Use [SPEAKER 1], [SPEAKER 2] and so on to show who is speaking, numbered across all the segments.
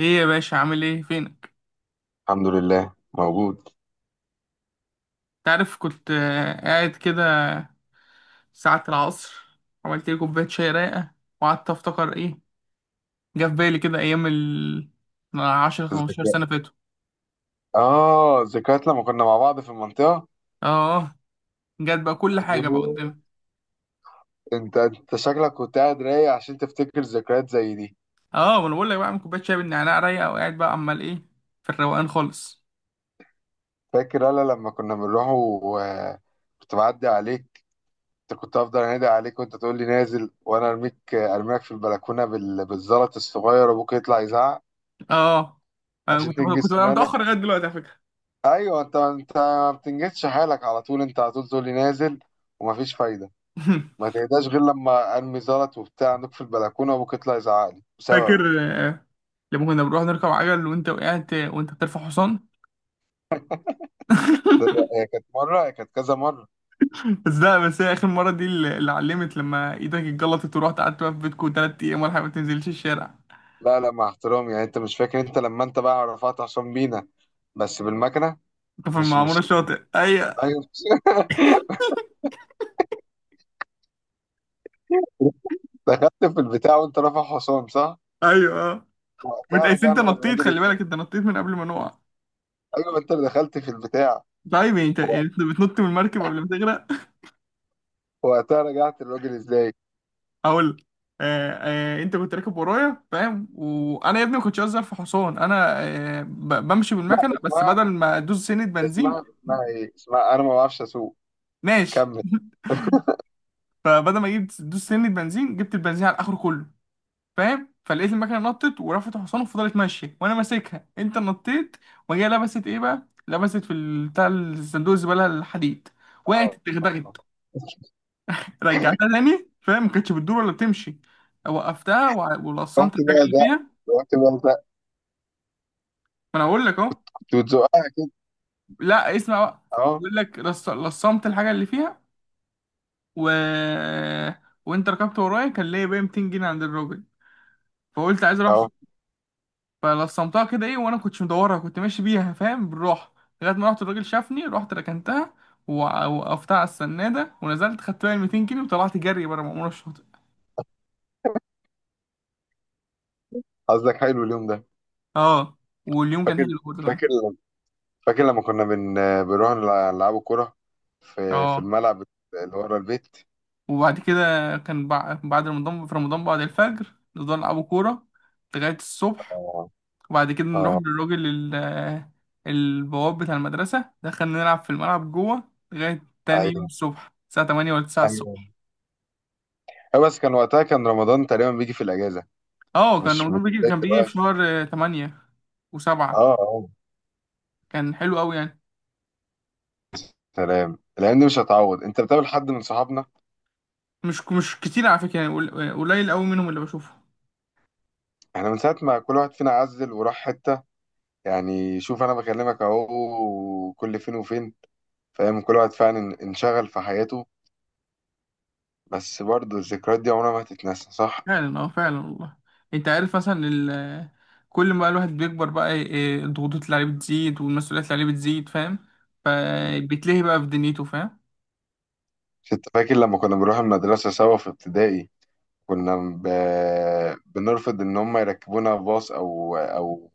[SPEAKER 1] ايه يا باشا، عامل ايه؟ فينك؟
[SPEAKER 2] الحمد لله موجود.
[SPEAKER 1] تعرف كنت قاعد كده ساعة العصر. عملت لي كوباية شاي رايقة، وقعدت افتكر ايه. جه في بالي كده ايام ال 10
[SPEAKER 2] الذكريات.
[SPEAKER 1] 15 سنة فاتوا.
[SPEAKER 2] اه، ذكريات لما كنا مع بعض في المنطقة.
[SPEAKER 1] اه، جت بقى كل حاجة بقى
[SPEAKER 2] أيوه.
[SPEAKER 1] قدامي.
[SPEAKER 2] انت شكلك كنت قاعد رايق عشان تفتكر ذكريات زي دي.
[SPEAKER 1] اه، وانا بقول لك بقى اعمل كوباية شاي بالنعناع رايقة وقاعد بقى عمال ايه في الروقان خالص.
[SPEAKER 2] فاكر انا لما كنا بنروح كنت بعدي عليك. انت كنت افضل انادي عليك وانت تقول لي نازل، وانا ارميك، ارميك في البلكونة بالزلط الصغير، ابوك يطلع يزعق.
[SPEAKER 1] اه، انا
[SPEAKER 2] عشان
[SPEAKER 1] كنت
[SPEAKER 2] تنجز
[SPEAKER 1] بقى
[SPEAKER 2] سنانك.
[SPEAKER 1] متأخر لغاية دلوقتي على فكرة.
[SPEAKER 2] ايوه، انت ما بتنجزش حالك على طول، انت على طول تقول لي نازل ومفيش فايدة. ما تهداش غير لما قلبي زلط وبتاع عندك في البلكونه، وابوك يطلع يزعق لي
[SPEAKER 1] فاكر
[SPEAKER 2] بسببك.
[SPEAKER 1] آه، لما كنا بنروح نركب عجل وانت وقعت وانت بترفع حصان؟
[SPEAKER 2] هي كانت مره، هي كانت كذا مره.
[SPEAKER 1] بس لا، بس هي اخر مره دي اللي علمت لما ايدك اتجلطت ورحت قعدت بقى في بيتكم 3 ايام ولا حاجه ما تنزلش الشارع.
[SPEAKER 2] لا لا، مع احترامي يعني، انت مش فاكر، انت لما انت بقى رفعت حسام بينا، بس بالمكنه.
[SPEAKER 1] انت في
[SPEAKER 2] مش
[SPEAKER 1] المعموره
[SPEAKER 2] مش
[SPEAKER 1] الشاطئ، ايوه،
[SPEAKER 2] ايوه. دخلت في البتاع وانت رافع حسام، صح؟
[SPEAKER 1] ايوه. اه،
[SPEAKER 2] وقتها
[SPEAKER 1] متقايس انت
[SPEAKER 2] رجعنا
[SPEAKER 1] نطيت،
[SPEAKER 2] للراجل
[SPEAKER 1] خلي بالك
[SPEAKER 2] ازاي؟
[SPEAKER 1] انت نطيت من قبل ما نقع.
[SPEAKER 2] ايوه، ما انت اللي دخلت في البتاع.
[SPEAKER 1] طيب، يعني انت يعني انت بتنط من المركب قبل ما تغرق.
[SPEAKER 2] وقتها رجعت للراجل ازاي؟
[SPEAKER 1] اقول لك. آه. آه انت كنت راكب ورايا فاهم، وانا يا ابني ما كنتش اظهر في حصان انا. آه بمشي
[SPEAKER 2] لا
[SPEAKER 1] بالمكنه، بس
[SPEAKER 2] اسمها،
[SPEAKER 1] بدل ما ادوس سنه بنزين.
[SPEAKER 2] اسمها ايه؟ اسمها، انا ما بعرفش اسوق.
[SPEAKER 1] ماشي.
[SPEAKER 2] كمل.
[SPEAKER 1] فبدل ما اجيب دوس سنه بنزين جبت البنزين على اخره كله، فاهم. فلقيت المكنه نطت ورفعت حصان وفضلت ماشيه وانا ماسكها، انت نطيت. وهي لبست ايه بقى، لبست في بتاع الصندوق الزباله الحديد. وقعت
[SPEAKER 2] آه.
[SPEAKER 1] اتدغدغت. رجعتها تاني فاهم، ما كانتش بتدور ولا بتمشي. وقفتها
[SPEAKER 2] رحت
[SPEAKER 1] ولصمت الحاجه
[SPEAKER 2] بقى
[SPEAKER 1] اللي
[SPEAKER 2] ده،
[SPEAKER 1] فيها.
[SPEAKER 2] رحت بقى ده،
[SPEAKER 1] ما انا اقول لك اهو.
[SPEAKER 2] وتزقها.
[SPEAKER 1] لا، اسمع بقى.
[SPEAKER 2] اه
[SPEAKER 1] بقول لك لصمت الحاجه اللي فيها. و... وانت ركبت ورايا، كان ليا بقى 200 جنيه عند الراجل. فقلت عايز اروح.
[SPEAKER 2] اه.
[SPEAKER 1] فلصمتها كده ايه، وانا كنتش مدورها، كنت ماشي بيها فاهم بالراحه. لغايه ما رحت الراجل شافني، رحت ركنتها وقفتها على السناده ونزلت، خدت بقى ال 200 جنيه وطلعت جري بره مأمورة الشاطئ.
[SPEAKER 2] قصدك حلو اليوم ده.
[SPEAKER 1] اه، واليوم كان
[SPEAKER 2] فاكر،
[SPEAKER 1] حلو برضه كمان.
[SPEAKER 2] فاكر، فاكر لما كنا نلعبوا كرة في
[SPEAKER 1] اه،
[SPEAKER 2] الملعب اللي ورا البيت.
[SPEAKER 1] وبعد كده كان بعد رمضان، في رمضان بعد الفجر نفضل نلعبوا كوره لغايه الصبح.
[SPEAKER 2] اه
[SPEAKER 1] وبعد كده نروح
[SPEAKER 2] اه.
[SPEAKER 1] للراجل البواب بتاع المدرسه، دخلنا نلعب في الملعب جوه لغايه تاني يوم
[SPEAKER 2] ايوه
[SPEAKER 1] الصبح الساعه 8 ولا 9.
[SPEAKER 2] ايوه. آه، بس كان وقتها كان رمضان تقريبا بيجي في الاجازة،
[SPEAKER 1] اه، كان
[SPEAKER 2] مش
[SPEAKER 1] رمضان بيجي،
[SPEAKER 2] زي
[SPEAKER 1] كان بيجي في
[SPEAKER 2] دلوقتي.
[SPEAKER 1] شهر 8 وسبعة.
[SPEAKER 2] اه اه.
[SPEAKER 1] كان حلو قوي يعني.
[SPEAKER 2] سلام، الايام دي مش هتعوض. انت بتقابل حد من صحابنا؟
[SPEAKER 1] مش كتير على فكرة، يعني قليل قوي منهم اللي بشوفه.
[SPEAKER 2] احنا من ساعة ما كل واحد فينا عزل وراح حتة، يعني شوف انا بكلمك اهو كل فين وفين، فاهم، كل واحد فعلا انشغل في حياته، بس برضه الذكريات دي عمرها ما هتتنسى، صح؟
[SPEAKER 1] فعلا، اه، فعلا والله. انت عارف مثلا كل ما الواحد بيكبر بقى الضغوطات اللي عليه بتزيد والمسؤوليات اللي عليه بتزيد فاهم، فبيتلهي بقى في دنيته فاهم.
[SPEAKER 2] كنت فاكر لما كنا بنروح المدرسة سوا في ابتدائي، كنا بنرفض إن هم يركبونا باص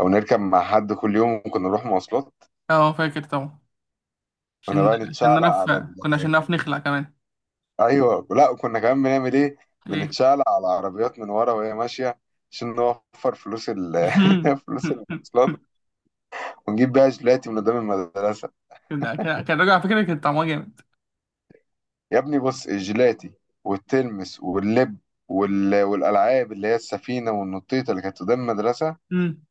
[SPEAKER 2] أو نركب مع حد كل يوم، وكنا نروح مواصلات.
[SPEAKER 1] اه، فاكر طبعا.
[SPEAKER 2] كنا
[SPEAKER 1] عشان
[SPEAKER 2] بقى
[SPEAKER 1] عشان
[SPEAKER 2] نتشعلق
[SPEAKER 1] نعرف،
[SPEAKER 2] على ال...
[SPEAKER 1] كنا عشان نعرف نخلع كمان.
[SPEAKER 2] أيوه لا، وكنا كمان بنعمل إيه؟
[SPEAKER 1] ايه.
[SPEAKER 2] بنتشعلق على العربيات من ورا وهي ماشية عشان نوفر فلوس ال... فلوس المواصلات، ونجيب بيها جيلاتي من قدام المدرسة.
[SPEAKER 1] كان كان كان الراجل على فكرة كان طعمها جامد.
[SPEAKER 2] يا ابني بص، الجيلاتي والتلمس واللب، وال... والألعاب اللي هي السفينة والنطيطة اللي كانت قدام المدرسة.
[SPEAKER 1] امم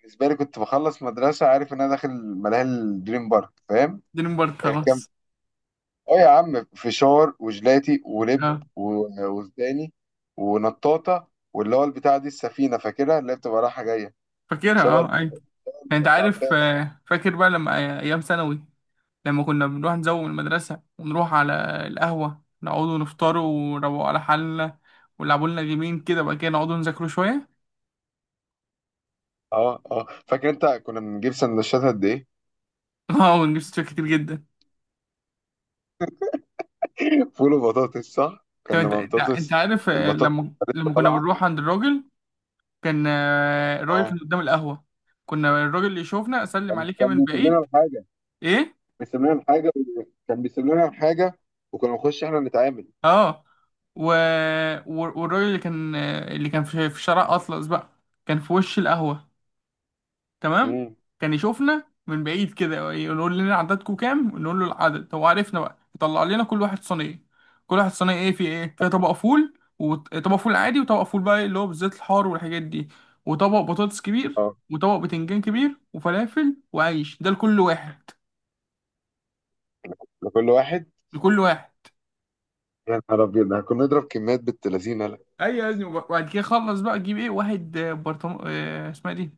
[SPEAKER 2] بالنسبه لي كنت بخلص مدرسه عارف ان انا داخل ملاهي الدريم بارك، فاهم.
[SPEAKER 1] دي مبارك خلاص.
[SPEAKER 2] كان، اه يا عم فشار وجلاتي ولب
[SPEAKER 1] اه،
[SPEAKER 2] وزداني ونطاطه، واللي هو البتاع دي السفينه، فاكرها، اللي هي بتبقى رايحه جايه،
[SPEAKER 1] فاكرها،
[SPEAKER 2] شبه اللي
[SPEAKER 1] اه، ايوه.
[SPEAKER 2] في
[SPEAKER 1] يعني انت
[SPEAKER 2] ابو
[SPEAKER 1] عارف
[SPEAKER 2] العباس.
[SPEAKER 1] فاكر بقى لما ايام ثانوي، لما كنا بنروح نزوم من المدرسه ونروح على القهوه نقعدوا نفطروا، ونروقوا على حالنا، ونلعبوا لنا جيمين كده، بقى كده نقعدوا نذاكروا شويه.
[SPEAKER 2] اه اه فاكر. انت كنا بنجيب سندوتشات قد ايه؟
[SPEAKER 1] اه، ونجيب ستات كتير جدا.
[SPEAKER 2] فول وبطاطس، صح؟
[SPEAKER 1] طب
[SPEAKER 2] كان
[SPEAKER 1] انت
[SPEAKER 2] لما
[SPEAKER 1] انت انت
[SPEAKER 2] بطاطس،
[SPEAKER 1] عارف
[SPEAKER 2] البطاطس
[SPEAKER 1] لما
[SPEAKER 2] كانت لسه
[SPEAKER 1] لما كنا
[SPEAKER 2] طالعه.
[SPEAKER 1] بنروح عند الراجل، كان الراجل
[SPEAKER 2] اه،
[SPEAKER 1] كان قدام القهوه، كنا الراجل اللي يشوفنا اسلم
[SPEAKER 2] كان
[SPEAKER 1] عليك يا
[SPEAKER 2] كان
[SPEAKER 1] من
[SPEAKER 2] بيسيب لنا
[SPEAKER 1] بعيد.
[SPEAKER 2] الحاجه،
[SPEAKER 1] ايه.
[SPEAKER 2] بيسيب لنا الحاجه، كان بيسيب لنا الحاجه، وكنا نخش احنا نتعامل.
[SPEAKER 1] اه. و... والراجل اللي كان اللي كان في شارع اطلس بقى كان في وش القهوه. تمام.
[SPEAKER 2] امم.
[SPEAKER 1] كان يشوفنا من بعيد كده، يقول لنا عددكم كام، نقول له العدد هو عرفنا بقى، يطلع لنا كل واحد صينيه. كل واحد صينيه ايه، في ايه فيها؟ طبق فول، وطبق فول عادي، وطبق فول بقى اللي هو بالزيت الحار والحاجات دي، وطبق بطاطس كبير،
[SPEAKER 2] اه.
[SPEAKER 1] وطبق بتنجان كبير، وفلافل، وعيش، ده لكل واحد.
[SPEAKER 2] لكل واحد.
[SPEAKER 1] لكل واحد.
[SPEAKER 2] يا نهار أبيض، ده كنا نضرب كميات بنت لذينة، لا.
[SPEAKER 1] ايوه يا ابني، وبعد كده خلص بقى تجيب ايه، واحد برطمان اسمها إيه دي،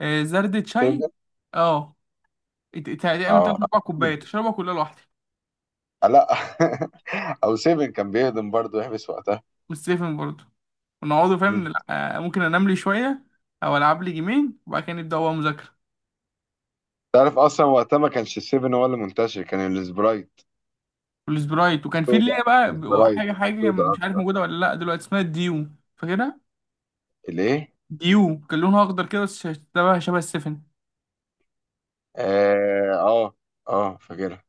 [SPEAKER 1] زردة شاي.
[SPEAKER 2] سيفن.
[SPEAKER 1] اه، تقريبا تلات
[SPEAKER 2] اه.
[SPEAKER 1] اربع كوبايات تشربها كلها لوحدك.
[SPEAKER 2] آه لا. أو سيفن كان بيهضم برضه يحبس وقتها.
[SPEAKER 1] والسيفن برضه. ونقعدوا فاهم
[SPEAKER 2] مم.
[SPEAKER 1] ممكن انام لي شويه، او العب لي جيمين وبعد كده نبدا هو مذاكره.
[SPEAKER 2] تعرف أصلا وقتها ما كانش السيفن هو اللي منتشر، كان السبرايت
[SPEAKER 1] والسبرايت. وكان في اللي
[SPEAKER 2] سودا،
[SPEAKER 1] هي بقى
[SPEAKER 2] السبرايت
[SPEAKER 1] حاجه حاجه
[SPEAKER 2] سودا
[SPEAKER 1] مش عارف
[SPEAKER 2] أكتر.
[SPEAKER 1] موجوده ولا لا دلوقتي اسمها الديو. فاكرها.
[SPEAKER 2] الإيه؟
[SPEAKER 1] ديو كان لونها اخضر كده، بس شبه السفن.
[SPEAKER 2] آه آه، آه فاكرها.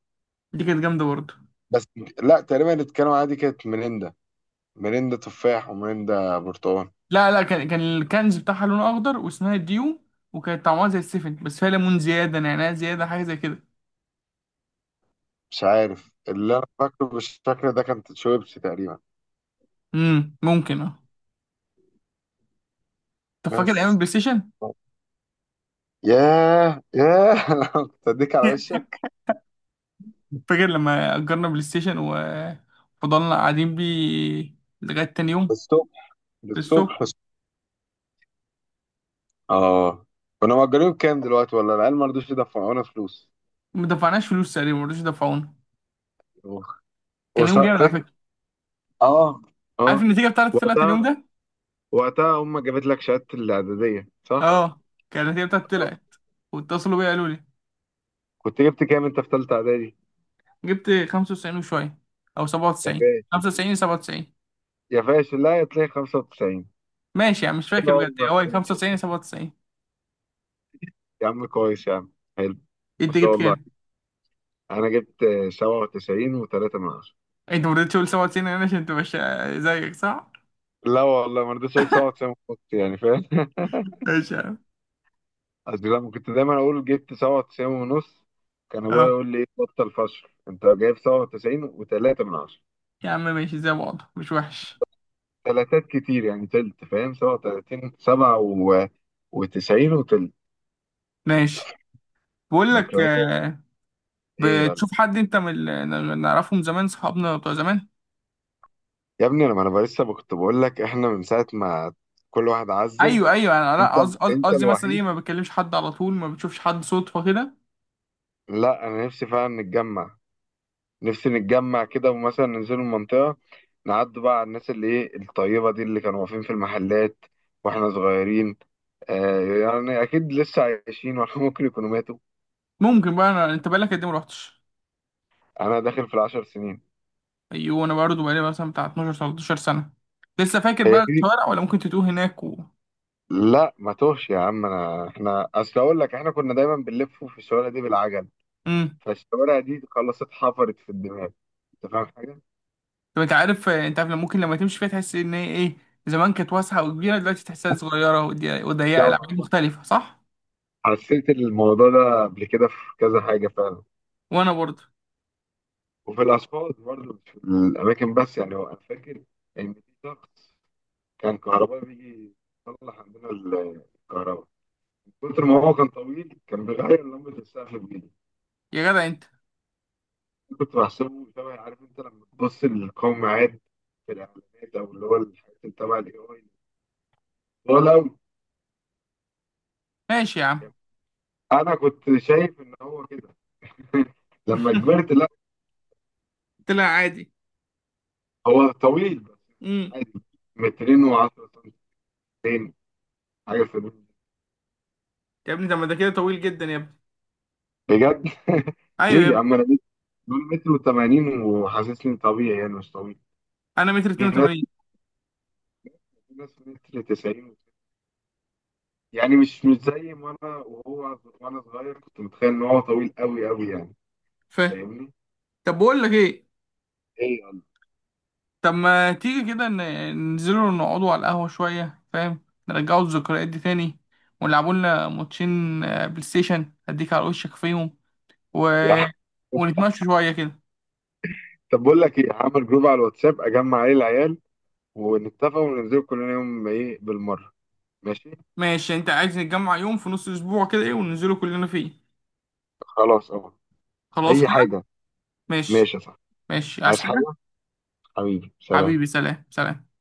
[SPEAKER 1] دي كانت جامده برضه.
[SPEAKER 2] بس لا، تقريبا اللي اتكلموا عليها دي كانت ميريندا، ميريندا تفاح وميريندا برتقال.
[SPEAKER 1] لا لا، كان الكنز بتاعها لونه اخضر واسمها ديو. وكانت طعمها زي السفن، بس فيها ليمون زياده نعناع زياده حاجه زي كده.
[SPEAKER 2] مش عارف، اللي أنا فاكره بالشكل ده كانت شويبس تقريبا.
[SPEAKER 1] ممكن، اه. طب فاكر ايام
[SPEAKER 2] بس.
[SPEAKER 1] البلاي ستيشن؟
[SPEAKER 2] ياه ياه، كنت اديك على وشك.
[SPEAKER 1] فاكر لما اجرنا بلاي ستيشن وفضلنا قاعدين بيه لغايه تاني يوم
[SPEAKER 2] الصبح، الصبح،
[SPEAKER 1] السوق.
[SPEAKER 2] الصبح. اه. كنا مأجرين بكام دلوقتي؟ ولا العيال ما رضوش يدفعونا فلوس.
[SPEAKER 1] ما دفعناش فلوس تقريبا، ما رضوش يدفعونا. كان يوم والله جامد على
[SPEAKER 2] فاكر.
[SPEAKER 1] فكره.
[SPEAKER 2] اه
[SPEAKER 1] عارف
[SPEAKER 2] اه.
[SPEAKER 1] النتيجه بتاعتي طلعت
[SPEAKER 2] وقتها
[SPEAKER 1] اليوم ده.
[SPEAKER 2] وقتها امك جابت لك شهادة الإعدادية، صح؟
[SPEAKER 1] اه، كان النتيجه بتاعتي
[SPEAKER 2] آه.
[SPEAKER 1] طلعت، واتصلوا بيا، قالوا لي
[SPEAKER 2] كنت جبت كام انت في ثالثة إعدادي؟
[SPEAKER 1] جبت 95 وشويه، او
[SPEAKER 2] يا
[SPEAKER 1] 97
[SPEAKER 2] فاشل،
[SPEAKER 1] 95 97.
[SPEAKER 2] يا فاشل، لا يا تلاقي 95.
[SPEAKER 1] ماشي يعني، مش
[SPEAKER 2] حلو،
[SPEAKER 1] فاكر بجد
[SPEAKER 2] عمرك
[SPEAKER 1] هو
[SPEAKER 2] فاشل،
[SPEAKER 1] 95 97.
[SPEAKER 2] يا عم كويس يا عم، حلو. ما
[SPEAKER 1] انت
[SPEAKER 2] شاء
[SPEAKER 1] جبت
[SPEAKER 2] الله،
[SPEAKER 1] كام؟
[SPEAKER 2] انا جبت 97 و3 من 10.
[SPEAKER 1] انت ما رضيتش تقول 97 انا عشان انت مش زيك، صح؟
[SPEAKER 2] لا والله ما رضيتش اقول 97 ونص، يعني فاهم.
[SPEAKER 1] ماشي يا عم.
[SPEAKER 2] أصل لما كنت دايما أقول جبت 97 ونص، كان أبويا
[SPEAKER 1] اه
[SPEAKER 2] يقول لي إيه بطل فشل، أنت جايب 97 و3 من 10.
[SPEAKER 1] يا عم ماشي، زي بعض مش وحش.
[SPEAKER 2] تلاتات كتير يعني تلت، فاهم، 37، وتسعين وتلت.
[SPEAKER 1] ماشي. بقول لك
[SPEAKER 2] ذكريات. إيه يا قلب.
[SPEAKER 1] بتشوف حد انت من اللي نعرفه من زمان، صحابنا بتوع زمان؟
[SPEAKER 2] يا ابني، أنا، ما أنا لسه كنت بقول لك إحنا من ساعة ما كل واحد عزل،
[SPEAKER 1] ايوه، ايوه، انا
[SPEAKER 2] أنت
[SPEAKER 1] لا، قصدي قصدي
[SPEAKER 2] أنت
[SPEAKER 1] قصدي مثلا ايه،
[SPEAKER 2] الوحيد.
[SPEAKER 1] ما بتكلمش حد على طول، ما بتشوفش حد صدفه كده.
[SPEAKER 2] لا، أنا نفسي فعلا نتجمع، نفسي نتجمع كده، ومثلا ننزل المنطقة، نعدوا بقى على الناس اللي إيه الطيبة دي اللي كانوا واقفين في المحلات واحنا صغيرين. آه يعني اكيد لسه عايشين، ولا ممكن يكونوا ماتوا.
[SPEAKER 1] ممكن بقى أنا... انت بقالك قد ايه ما رحتش؟
[SPEAKER 2] انا داخل في 10 سنين.
[SPEAKER 1] ايوه، انا برضه بقالي مثلا بتاع 12 13 سنه. لسه فاكر
[SPEAKER 2] هي
[SPEAKER 1] بقى
[SPEAKER 2] دي.
[SPEAKER 1] الشوارع، ولا ممكن تتوه هناك و...
[SPEAKER 2] لا ما توهش يا عم، انا احنا اصل اقول لك احنا كنا دايما بنلف في الشوارع دي بالعجل،
[SPEAKER 1] امم.
[SPEAKER 2] فالشوارع دي خلاص اتحفرت في الدماغ، انت فاهم حاجه؟
[SPEAKER 1] طب انت عارف لما ممكن لما تمشي فيها تحس ان هي ايه، زمان كانت واسعه وكبيره، دلوقتي تحسها صغيره وضيقه،
[SPEAKER 2] لو
[SPEAKER 1] العاب مختلفه، صح؟
[SPEAKER 2] حسيت الموضوع ده قبل كده في كذا حاجه فعلا،
[SPEAKER 1] وانا برضه.
[SPEAKER 2] وفي الاسفلت برضه مش في الاماكن بس، يعني هو انا فاكر ان في شخص كان كهربائي بيجي يصلح عندنا الكهرباء، من كتر ما هو كان طويل كان بيغير لمبه السقف بايده.
[SPEAKER 1] يا جدع انت.
[SPEAKER 2] كنت بحسبه شبه، عارف انت لما تبص للقوم عاد في الاعلانات او اللي هو الحاجات اللي تبع الاي، طول قوي.
[SPEAKER 1] ماشي يا عم.
[SPEAKER 2] انا كنت شايف ان هو كده. لما كبرت، لا.
[SPEAKER 1] طلع عادي.
[SPEAKER 2] هو طويل بس.
[SPEAKER 1] امم.
[SPEAKER 2] عادي، مترين و10 سنتين، حاجه في الوقت.
[SPEAKER 1] يا ابني طب ما ده كده طويل جدا يا ابني.
[SPEAKER 2] بجد.
[SPEAKER 1] ايوه يا
[SPEAKER 2] ليه يا
[SPEAKER 1] ابني.
[SPEAKER 2] عم، دول متر و80 وحاسسني طبيعي، يعني مش طويل.
[SPEAKER 1] انا متر
[SPEAKER 2] في ناس،
[SPEAKER 1] 82،
[SPEAKER 2] في ناس متر 90، يعني مش زي ما انا، وهو وانا صغير كنت متخيل ان هو طويل قوي قوي، يعني
[SPEAKER 1] فاهم؟
[SPEAKER 2] فاهمني؟
[SPEAKER 1] طب بقول لك ايه.
[SPEAKER 2] ايه
[SPEAKER 1] طب ما تيجي كده ننزلوا نقعدوا على القهوة شوية فاهم، نرجعوا الذكريات دي تاني، ونلعبوا لنا ماتشين بلاي ستيشن أديك على وشك فيهم، و...
[SPEAKER 2] يا ح-
[SPEAKER 1] ونتمشوا شوية كده.
[SPEAKER 2] طب بقول لك ايه، هعمل جروب على الواتساب اجمع عليه العيال ونتفق وننزل كلنا يوم ايه بالمره. ماشي.
[SPEAKER 1] ماشي أنت عايز نتجمع يوم في نص الأسبوع كده إيه، وننزلوا كلنا فيه.
[SPEAKER 2] خلاص اهو،
[SPEAKER 1] خلاص
[SPEAKER 2] اي
[SPEAKER 1] كده.
[SPEAKER 2] حاجه.
[SPEAKER 1] ماشي.
[SPEAKER 2] ماشي يا صاحبي.
[SPEAKER 1] ماشي، عايز
[SPEAKER 2] عايز
[SPEAKER 1] حاجة؟
[SPEAKER 2] حاجه، حبيبي سلام.
[SPEAKER 1] حبيبي سلام، سلام.